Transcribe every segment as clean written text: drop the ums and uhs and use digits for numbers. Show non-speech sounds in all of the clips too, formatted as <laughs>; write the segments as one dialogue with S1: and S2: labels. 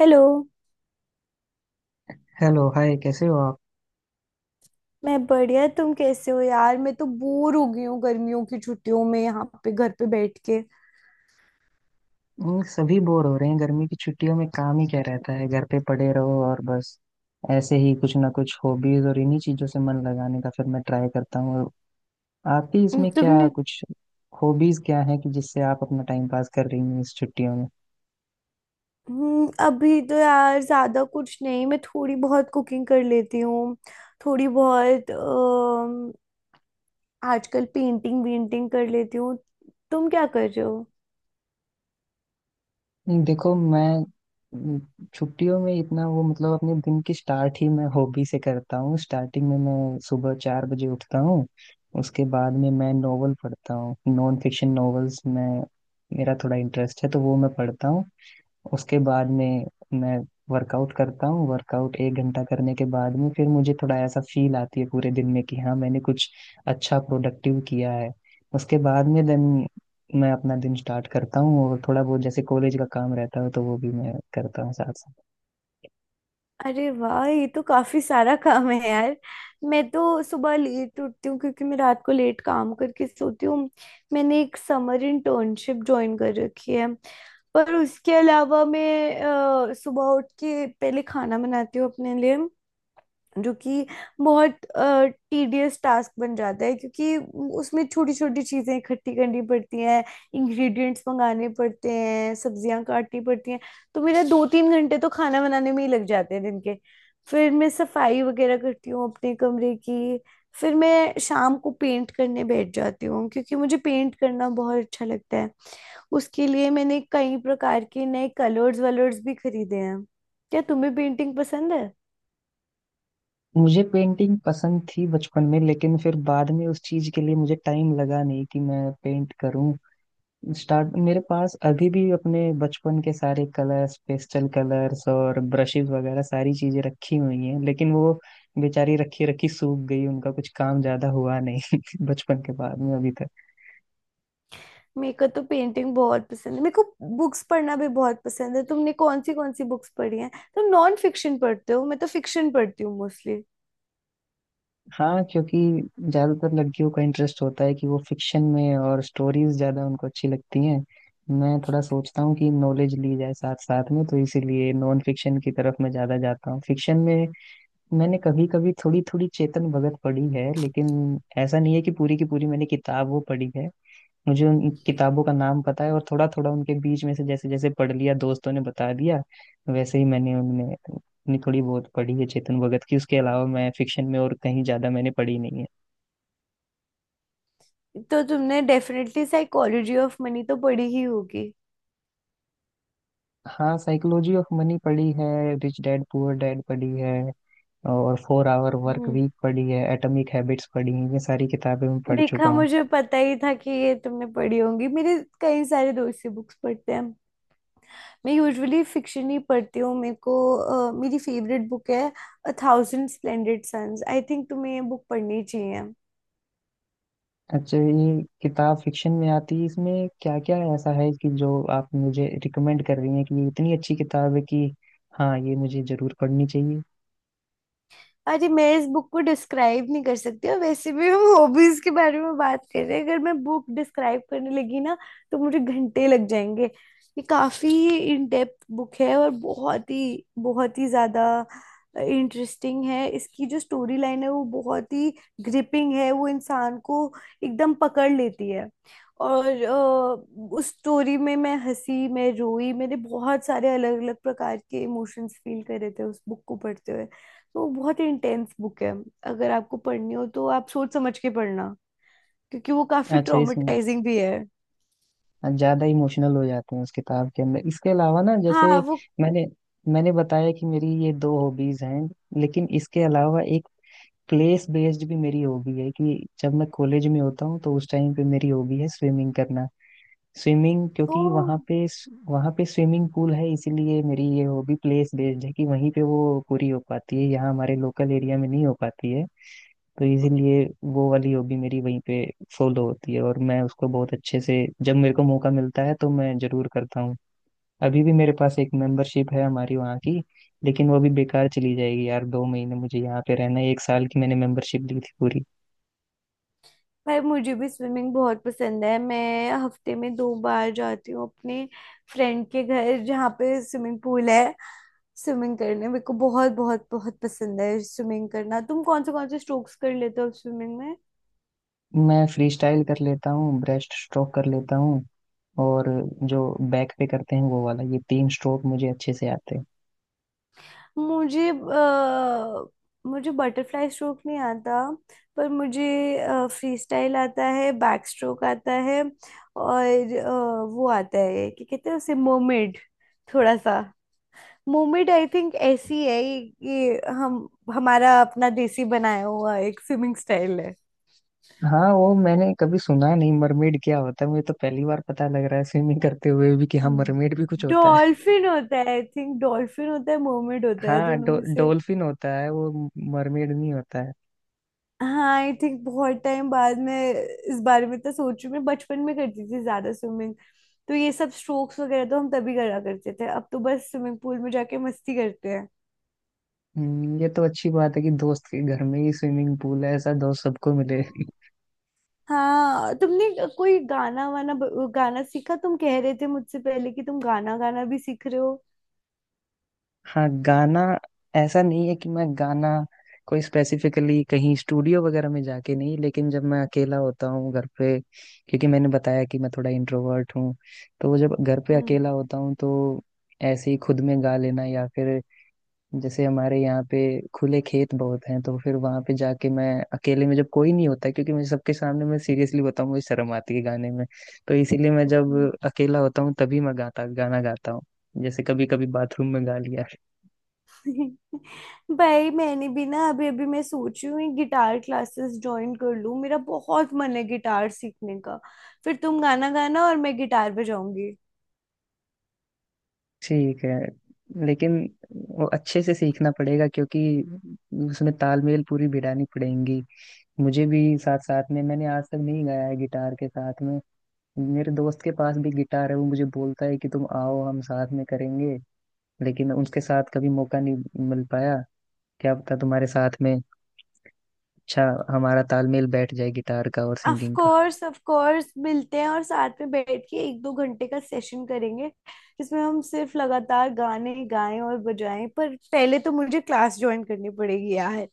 S1: Hello.
S2: Hello hi, कैसे हो आप?
S1: मैं बढ़िया, तुम कैसे हो यार? मैं तो बोर हो गई हूँ गर्मियों की छुट्टियों में यहाँ पे घर पे बैठ के।
S2: सभी बोर हो रहे हैं। गर्मी की छुट्टियों में काम ही क्या रहता है, घर पे पड़े रहो और बस ऐसे ही कुछ ना कुछ हॉबीज और इन्हीं चीजों से मन लगाने का फिर मैं ट्राई करता हूँ। और आपकी इसमें क्या
S1: तुमने
S2: कुछ हॉबीज क्या है कि जिससे आप अपना टाइम पास कर रही हैं इस छुट्टियों में?
S1: अभी तो यार ज्यादा कुछ नहीं, मैं थोड़ी बहुत कुकिंग कर लेती हूँ। थोड़ी बहुत आजकल पेंटिंग वेंटिंग कर लेती हूँ। तुम क्या कर रहे हो?
S2: देखो, मैं छुट्टियों में इतना वो मतलब अपने दिन की स्टार्ट ही मैं हॉबी से करता हूँ। स्टार्टिंग में मैं सुबह 4 बजे उठता हूँ। उसके बाद में मैं नोवेल पढ़ता हूँ, नॉन फिक्शन नॉवेल्स में मेरा थोड़ा इंटरेस्ट है तो वो मैं पढ़ता हूँ। उसके बाद में मैं वर्कआउट करता हूँ। वर्कआउट 1 घंटा करने के बाद में फिर मुझे थोड़ा ऐसा फील आती है पूरे दिन में कि हाँ, मैंने कुछ अच्छा प्रोडक्टिव किया है। उसके बाद में देन मैं अपना दिन स्टार्ट करता हूँ और थोड़ा बहुत जैसे कॉलेज का काम रहता है तो वो भी मैं करता हूँ साथ साथ।
S1: अरे वाह, ये तो काफी सारा काम है यार। मैं तो सुबह लेट उठती हूँ क्योंकि मैं रात को लेट काम करके सोती हूँ। मैंने एक समर इंटर्नशिप ज्वाइन कर रखी है। पर उसके अलावा मैं सुबह उठ के पहले खाना बनाती हूँ अपने लिए, जो कि बहुत टीडियस टास्क बन जाता है, क्योंकि उसमें छोटी छोटी चीजें इकट्ठी करनी पड़ती हैं, इंग्रेडिएंट्स मंगाने पड़ते हैं, सब्जियां काटनी पड़ती हैं। तो मेरा दो तीन घंटे तो खाना बनाने में ही लग जाते हैं दिन के। फिर मैं सफाई वगैरह करती हूँ अपने कमरे की। फिर मैं शाम को पेंट करने बैठ जाती हूँ क्योंकि मुझे पेंट करना बहुत अच्छा लगता है। उसके लिए मैंने कई प्रकार के नए कलर्स वलर्स भी खरीदे हैं। क्या तुम्हें पेंटिंग पसंद है?
S2: मुझे पेंटिंग पसंद थी बचपन में लेकिन फिर बाद में उस चीज के लिए मुझे टाइम लगा नहीं कि मैं पेंट करूँ। स्टार्ट मेरे पास अभी भी अपने बचपन के सारे कलर्स, पेस्टल कलर्स और ब्रशेस वगैरह सारी चीजें रखी हुई हैं, लेकिन वो बेचारी रखी रखी सूख गई, उनका कुछ काम ज्यादा हुआ नहीं <laughs> बचपन के बाद में अभी तक।
S1: मेरे को तो पेंटिंग बहुत पसंद है। मेरे को बुक्स पढ़ना भी बहुत पसंद है। तुमने कौन सी बुक्स पढ़ी हैं? तुम नॉन फिक्शन पढ़ते हो, मैं तो फिक्शन पढ़ती हूँ मोस्टली।
S2: हाँ, क्योंकि ज्यादातर लड़कियों का इंटरेस्ट होता है कि वो फिक्शन में, और स्टोरीज ज्यादा उनको अच्छी लगती हैं। मैं थोड़ा सोचता हूँ कि नॉलेज ली जाए साथ साथ में, तो इसीलिए नॉन फिक्शन की तरफ मैं ज्यादा जाता हूँ। फिक्शन में मैंने कभी कभी थोड़ी थोड़ी चेतन भगत पढ़ी है, लेकिन ऐसा नहीं है कि पूरी की पूरी मैंने किताब वो पढ़ी है। मुझे उन किताबों का नाम पता है और थोड़ा थोड़ा उनके बीच में से जैसे जैसे पढ़ लिया दोस्तों ने बता दिया वैसे ही मैंने उनमें अपनी थोड़ी बहुत पढ़ी है चेतन भगत की। उसके अलावा मैं फिक्शन में और कहीं ज्यादा मैंने पढ़ी नहीं है।
S1: तो तुमने डेफिनेटली साइकोलॉजी ऑफ मनी तो पढ़ी ही होगी।
S2: हाँ, साइकोलॉजी ऑफ मनी पढ़ी है, रिच डैड पुअर डैड पढ़ी है, और four hour work
S1: hmm.
S2: Week पढ़ी है, एटॉमिक हैबिट्स पढ़ी है, ये सारी किताबें मैं पढ़ चुका
S1: देखा,
S2: हूँ।
S1: मुझे पता ही था कि ये तुमने पढ़ी होंगी, मेरे कई सारे दोस्त ये बुक्स पढ़ते हैं। मैं यूजुअली फिक्शन ही पढ़ती हूँ। मेरी फेवरेट बुक है a thousand splendid suns, I think तुम्हें ये बुक पढ़नी चाहिए।
S2: अच्छा, ये किताब फिक्शन में आती है? इसमें क्या क्या ऐसा है कि जो आप मुझे रिकमेंड कर रही हैं कि ये इतनी अच्छी किताब है कि हाँ ये मुझे जरूर पढ़नी चाहिए?
S1: अरे, मैं इस बुक को डिस्क्राइब नहीं कर सकती, और वैसे भी हम हॉबीज के बारे में बात कर रहे हैं। अगर मैं बुक डिस्क्राइब करने लगी ना तो मुझे घंटे लग जाएंगे। ये काफी इन डेप्थ बुक है और बहुत ही ज्यादा इंटरेस्टिंग है। इसकी जो स्टोरी लाइन है वो बहुत ही ग्रिपिंग है, वो इंसान को एकदम पकड़ लेती है। और उस स्टोरी में मैं हंसी, मैं रोई, मैंने बहुत सारे अलग अलग प्रकार के इमोशंस फील करे थे उस बुक को पढ़ते हुए। तो बहुत इंटेंस बुक है, अगर आपको पढ़नी हो तो आप सोच समझ के पढ़ना, क्योंकि वो काफी
S2: अच्छा, इसमें
S1: ट्रॉमेटाइजिंग भी है।
S2: ज्यादा इमोशनल हो जाते हैं उस किताब के अंदर? इसके अलावा ना जैसे
S1: हाँ, वो
S2: मैंने मैंने बताया कि मेरी ये दो हॉबीज हैं, लेकिन इसके अलावा एक प्लेस बेस्ड भी मेरी हॉबी है कि जब मैं कॉलेज में होता हूँ तो उस टाइम पे मेरी हॉबी है स्विमिंग करना। स्विमिंग क्योंकि
S1: तो।
S2: वहाँ पे स्विमिंग पूल है, इसीलिए मेरी ये वो भी प्लेस बेस्ड है कि वहीं पे वो पूरी हो पाती है, यहाँ हमारे लोकल एरिया में नहीं हो पाती है। तो इसीलिए वो वाली हॉबी मेरी वहीं पे फॉलो होती है और मैं उसको बहुत अच्छे से जब मेरे को मौका मिलता है तो मैं जरूर करता हूँ। अभी भी मेरे पास एक मेंबरशिप है हमारी वहाँ की, लेकिन वो भी बेकार चली जाएगी यार। 2 महीने मुझे यहाँ पे रहना है, 1 साल की मैंने मेंबरशिप ली थी पूरी।
S1: भाई, मुझे भी स्विमिंग बहुत पसंद है। मैं हफ्ते में 2 बार जाती हूँ अपने फ्रेंड के घर जहाँ पे स्विमिंग पूल है। स्विमिंग करने मेरे को बहुत बहुत बहुत पसंद है। स्विमिंग करना, तुम कौन से स्ट्रोक्स कर लेते हो स्विमिंग में?
S2: मैं फ्री स्टाइल कर लेता हूँ, ब्रेस्ट स्ट्रोक कर लेता हूँ, और जो बैक पे करते हैं वो वाला, ये तीन स्ट्रोक मुझे अच्छे से आते हैं।
S1: मुझे अ, मुझे बटरफ्लाई स्ट्रोक नहीं आता। पर मुझे फ्री स्टाइल आता है, बैक स्ट्रोक आता है। और वो आता है, क्या कहते हैं उसे, मोमेड। थोड़ा सा मोमेड आई थिंक, ऐसी है ये हम हमारा अपना देसी बनाया हुआ एक स्विमिंग स्टाइल है।
S2: हाँ, वो मैंने कभी सुना नहीं मरमेड क्या होता है, मुझे तो पहली बार पता लग रहा है स्विमिंग करते हुए भी कि हाँ मरमेड भी कुछ होता है।
S1: डॉल्फिन होता है आई थिंक, डॉल्फिन होता है मोमेड होता है
S2: हाँ,
S1: दोनों में से।
S2: डोल्फिन होता है, वो मरमेड नहीं होता है।
S1: हाँ आई थिंक बहुत टाइम बाद में इस बारे में तो सोच रही हूँ। मैं बचपन में करती थी ज्यादा स्विमिंग, तो ये सब स्ट्रोक्स वगैरह तो हम तभी करा करते थे। अब तो बस स्विमिंग पूल में जाके मस्ती करते हैं।
S2: ये तो अच्छी बात है कि दोस्त के घर में ही स्विमिंग पूल है, ऐसा दोस्त सबको मिले।
S1: हाँ, तुमने कोई गाना वाना गाना सीखा? तुम कह रहे थे मुझसे पहले कि तुम गाना गाना भी सीख रहे हो।
S2: हाँ गाना, ऐसा नहीं है कि मैं गाना कोई स्पेसिफिकली कहीं स्टूडियो वगैरह में जाके नहीं, लेकिन जब मैं अकेला होता हूँ घर पे, क्योंकि मैंने बताया कि मैं थोड़ा इंट्रोवर्ट हूँ, तो जब घर पे
S1: हम्म।
S2: अकेला होता हूँ तो ऐसे ही खुद में गा लेना, या फिर जैसे हमारे यहाँ पे खुले खेत बहुत हैं तो फिर वहां पे जाके मैं अकेले में, जब कोई नहीं होता है, क्योंकि मुझे सबके सामने मैं सीरियसली बताऊँ मुझे शर्म आती है गाने में, तो इसीलिए मैं जब
S1: हम्म।
S2: अकेला होता हूँ तभी मैं गाता गाना गाता हूँ। जैसे कभी कभी बाथरूम में गा लिया।
S1: <laughs> भाई, मैंने भी ना अभी अभी मैं सोच रही हूँ ये गिटार क्लासेस ज्वाइन कर लूँ, मेरा बहुत मन है गिटार सीखने का। फिर तुम गाना गाना और मैं गिटार बजाऊंगी।
S2: ठीक है, लेकिन वो अच्छे से सीखना पड़ेगा, क्योंकि उसमें तालमेल पूरी भिड़ानी पड़ेगी। मुझे भी साथ साथ में मैंने आज तक नहीं गाया है गिटार के साथ में। मेरे दोस्त के पास भी गिटार है, वो मुझे बोलता है कि तुम आओ हम साथ में करेंगे, लेकिन उसके साथ कभी मौका नहीं मिल पाया। क्या पता तुम्हारे साथ में अच्छा हमारा तालमेल बैठ जाए गिटार का और
S1: ऑफ
S2: सिंगिंग का।
S1: कोर्स, ऑफ कोर्स मिलते हैं और साथ में बैठ के एक दो घंटे का सेशन करेंगे जिसमें हम सिर्फ लगातार गाने गाएं और बजाएं। पर पहले तो मुझे क्लास ज्वाइन करनी पड़ेगी यार,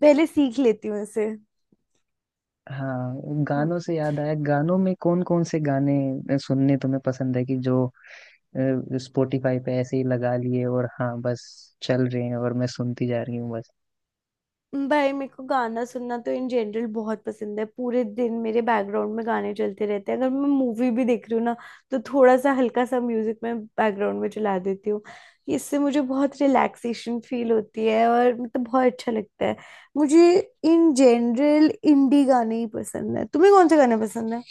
S1: पहले सीख लेती हूँ इसे।
S2: हाँ, गानों से याद आया, गानों में कौन कौन से गाने सुनने तुम्हें पसंद है कि जो स्पॉटिफाई पे ऐसे ही लगा लिए और हाँ बस चल रहे हैं और मैं सुनती जा रही हूँ बस?
S1: भाई मेरे को गाना सुनना तो इन जनरल बहुत पसंद है। पूरे दिन मेरे बैकग्राउंड में गाने चलते रहते हैं। अगर मैं मूवी भी देख रही हूँ ना तो थोड़ा सा हल्का सा म्यूजिक मैं बैकग्राउंड में चला देती हूँ। इससे मुझे बहुत रिलैक्सेशन फील होती है और मतलब बहुत अच्छा लगता है। मुझे इन जनरल इंडी गाने ही पसंद है, तुम्हें कौन से गाने पसंद है?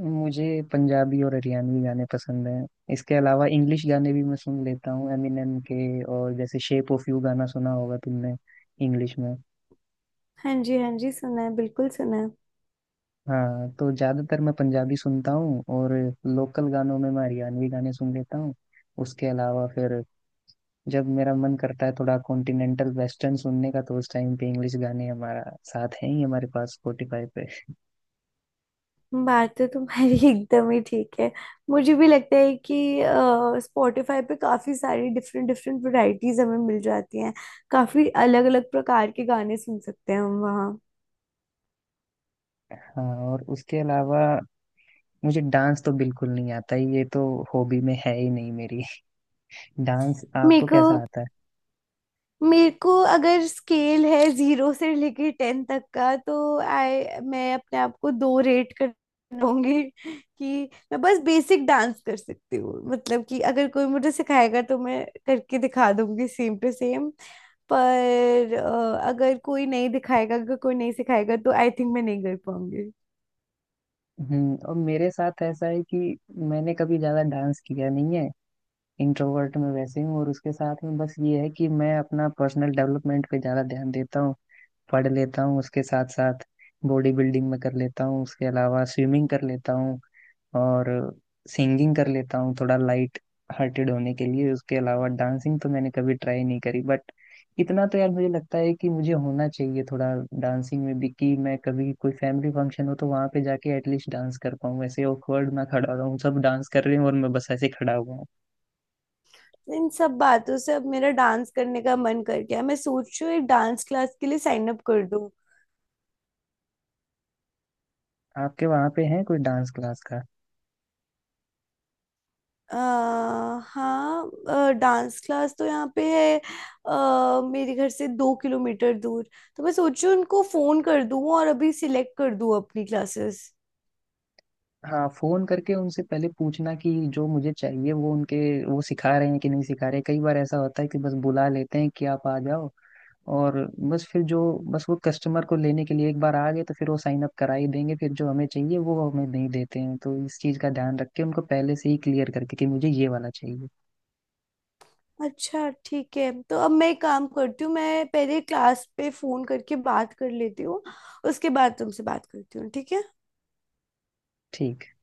S2: मुझे पंजाबी और हरियाणवी गाने पसंद हैं। इसके अलावा इंग्लिश गाने भी मैं सुन लेता हूँ, एमिनेम के, और जैसे शेप ऑफ यू गाना सुना होगा तुमने इंग्लिश में।
S1: हाँ जी, हाँ जी, सुना है, बिल्कुल सुना है।
S2: हाँ, तो ज़्यादातर मैं पंजाबी सुनता हूँ और लोकल गानों में मैं हरियाणवी गाने सुन लेता हूँ। उसके अलावा फिर जब मेरा मन करता है थोड़ा कॉन्टिनेंटल वेस्टर्न सुनने का तो उस टाइम पे इंग्लिश गाने हमारा साथ हैं ही, हमारे पास स्पॉटिफाई पे।
S1: बात तो तुम्हारी <laughs> एकदम ही ठीक है। मुझे भी लगता है कि स्पॉटिफाई पे काफी सारी डिफरेंट डिफरेंट वैरायटीज हमें मिल जाती हैं। काफी अलग अलग प्रकार के गाने सुन सकते हैं हम वहाँ।
S2: हाँ, और उसके अलावा मुझे डांस तो बिल्कुल नहीं आता ही, ये तो हॉबी में है ही नहीं मेरी। <laughs> डांस
S1: मेरे
S2: आपको
S1: को
S2: कैसा आता है?
S1: मेरे को अगर स्केल है 0 से लेके 10 तक का, तो आई मैं अपने आप को दो रेट कर दूंगी कि मैं बस बेसिक डांस कर सकती हूँ। मतलब कि अगर कोई मुझे सिखाएगा तो मैं करके दिखा दूंगी सेम टू सेम। पर अगर कोई नहीं दिखाएगा, अगर कोई नहीं सिखाएगा तो आई थिंक मैं नहीं कर पाऊंगी।
S2: और मेरे साथ ऐसा है कि मैंने कभी ज्यादा डांस किया नहीं है, इंट्रोवर्ट में वैसे हूँ, और उसके साथ में बस ये है कि मैं अपना पर्सनल डेवलपमेंट पे ज्यादा ध्यान देता हूँ, पढ़ लेता हूँ, उसके साथ साथ बॉडी बिल्डिंग में कर लेता हूँ, उसके अलावा स्विमिंग कर लेता हूँ, और सिंगिंग कर लेता हूँ थोड़ा लाइट हार्टेड होने के लिए। उसके अलावा डांसिंग तो मैंने कभी ट्राई नहीं करी, बट इतना तो यार मुझे लगता है कि मुझे होना चाहिए थोड़ा डांसिंग में भी, कि मैं कभी कोई फैमिली फंक्शन हो तो वहां पे जाके एटलीस्ट डांस कर पाऊँ, ऐसे ऑकवर्ड ना खड़ा रहूँ, सब डांस कर रहे हैं और मैं बस ऐसे खड़ा हुआ हूँ।
S1: इन सब बातों से अब मेरा डांस करने का मन कर गया, मैं सोच रही हूँ एक डांस क्लास के लिए साइन अप कर।
S2: आपके वहां पे है कोई डांस क्लास का?
S1: अ, हाँ, डांस क्लास तो यहाँ पे है, मेरे घर से 2 किलोमीटर दूर। तो मैं सोच रही हूँ उनको फोन कर दूँ और अभी सिलेक्ट कर दूँ अपनी क्लासेस।
S2: हाँ, फोन करके उनसे पहले पूछना कि जो मुझे चाहिए वो उनके वो सिखा रहे हैं कि नहीं सिखा रहे। कई बार ऐसा होता है कि बस बुला लेते हैं कि आप आ जाओ और बस फिर जो बस वो कस्टमर को लेने के लिए एक बार आ गए तो फिर वो साइन अप करा ही देंगे, फिर जो हमें चाहिए वो हमें नहीं देते हैं, तो इस चीज़ का ध्यान रख के उनको पहले से ही क्लियर करके कि मुझे ये वाला चाहिए।
S1: अच्छा ठीक है, तो अब मैं एक काम करती हूँ, मैं पहले क्लास पे फोन करके बात कर लेती हूँ। उसके बाद तुमसे बात करती हूँ, ठीक है?
S2: ठीक।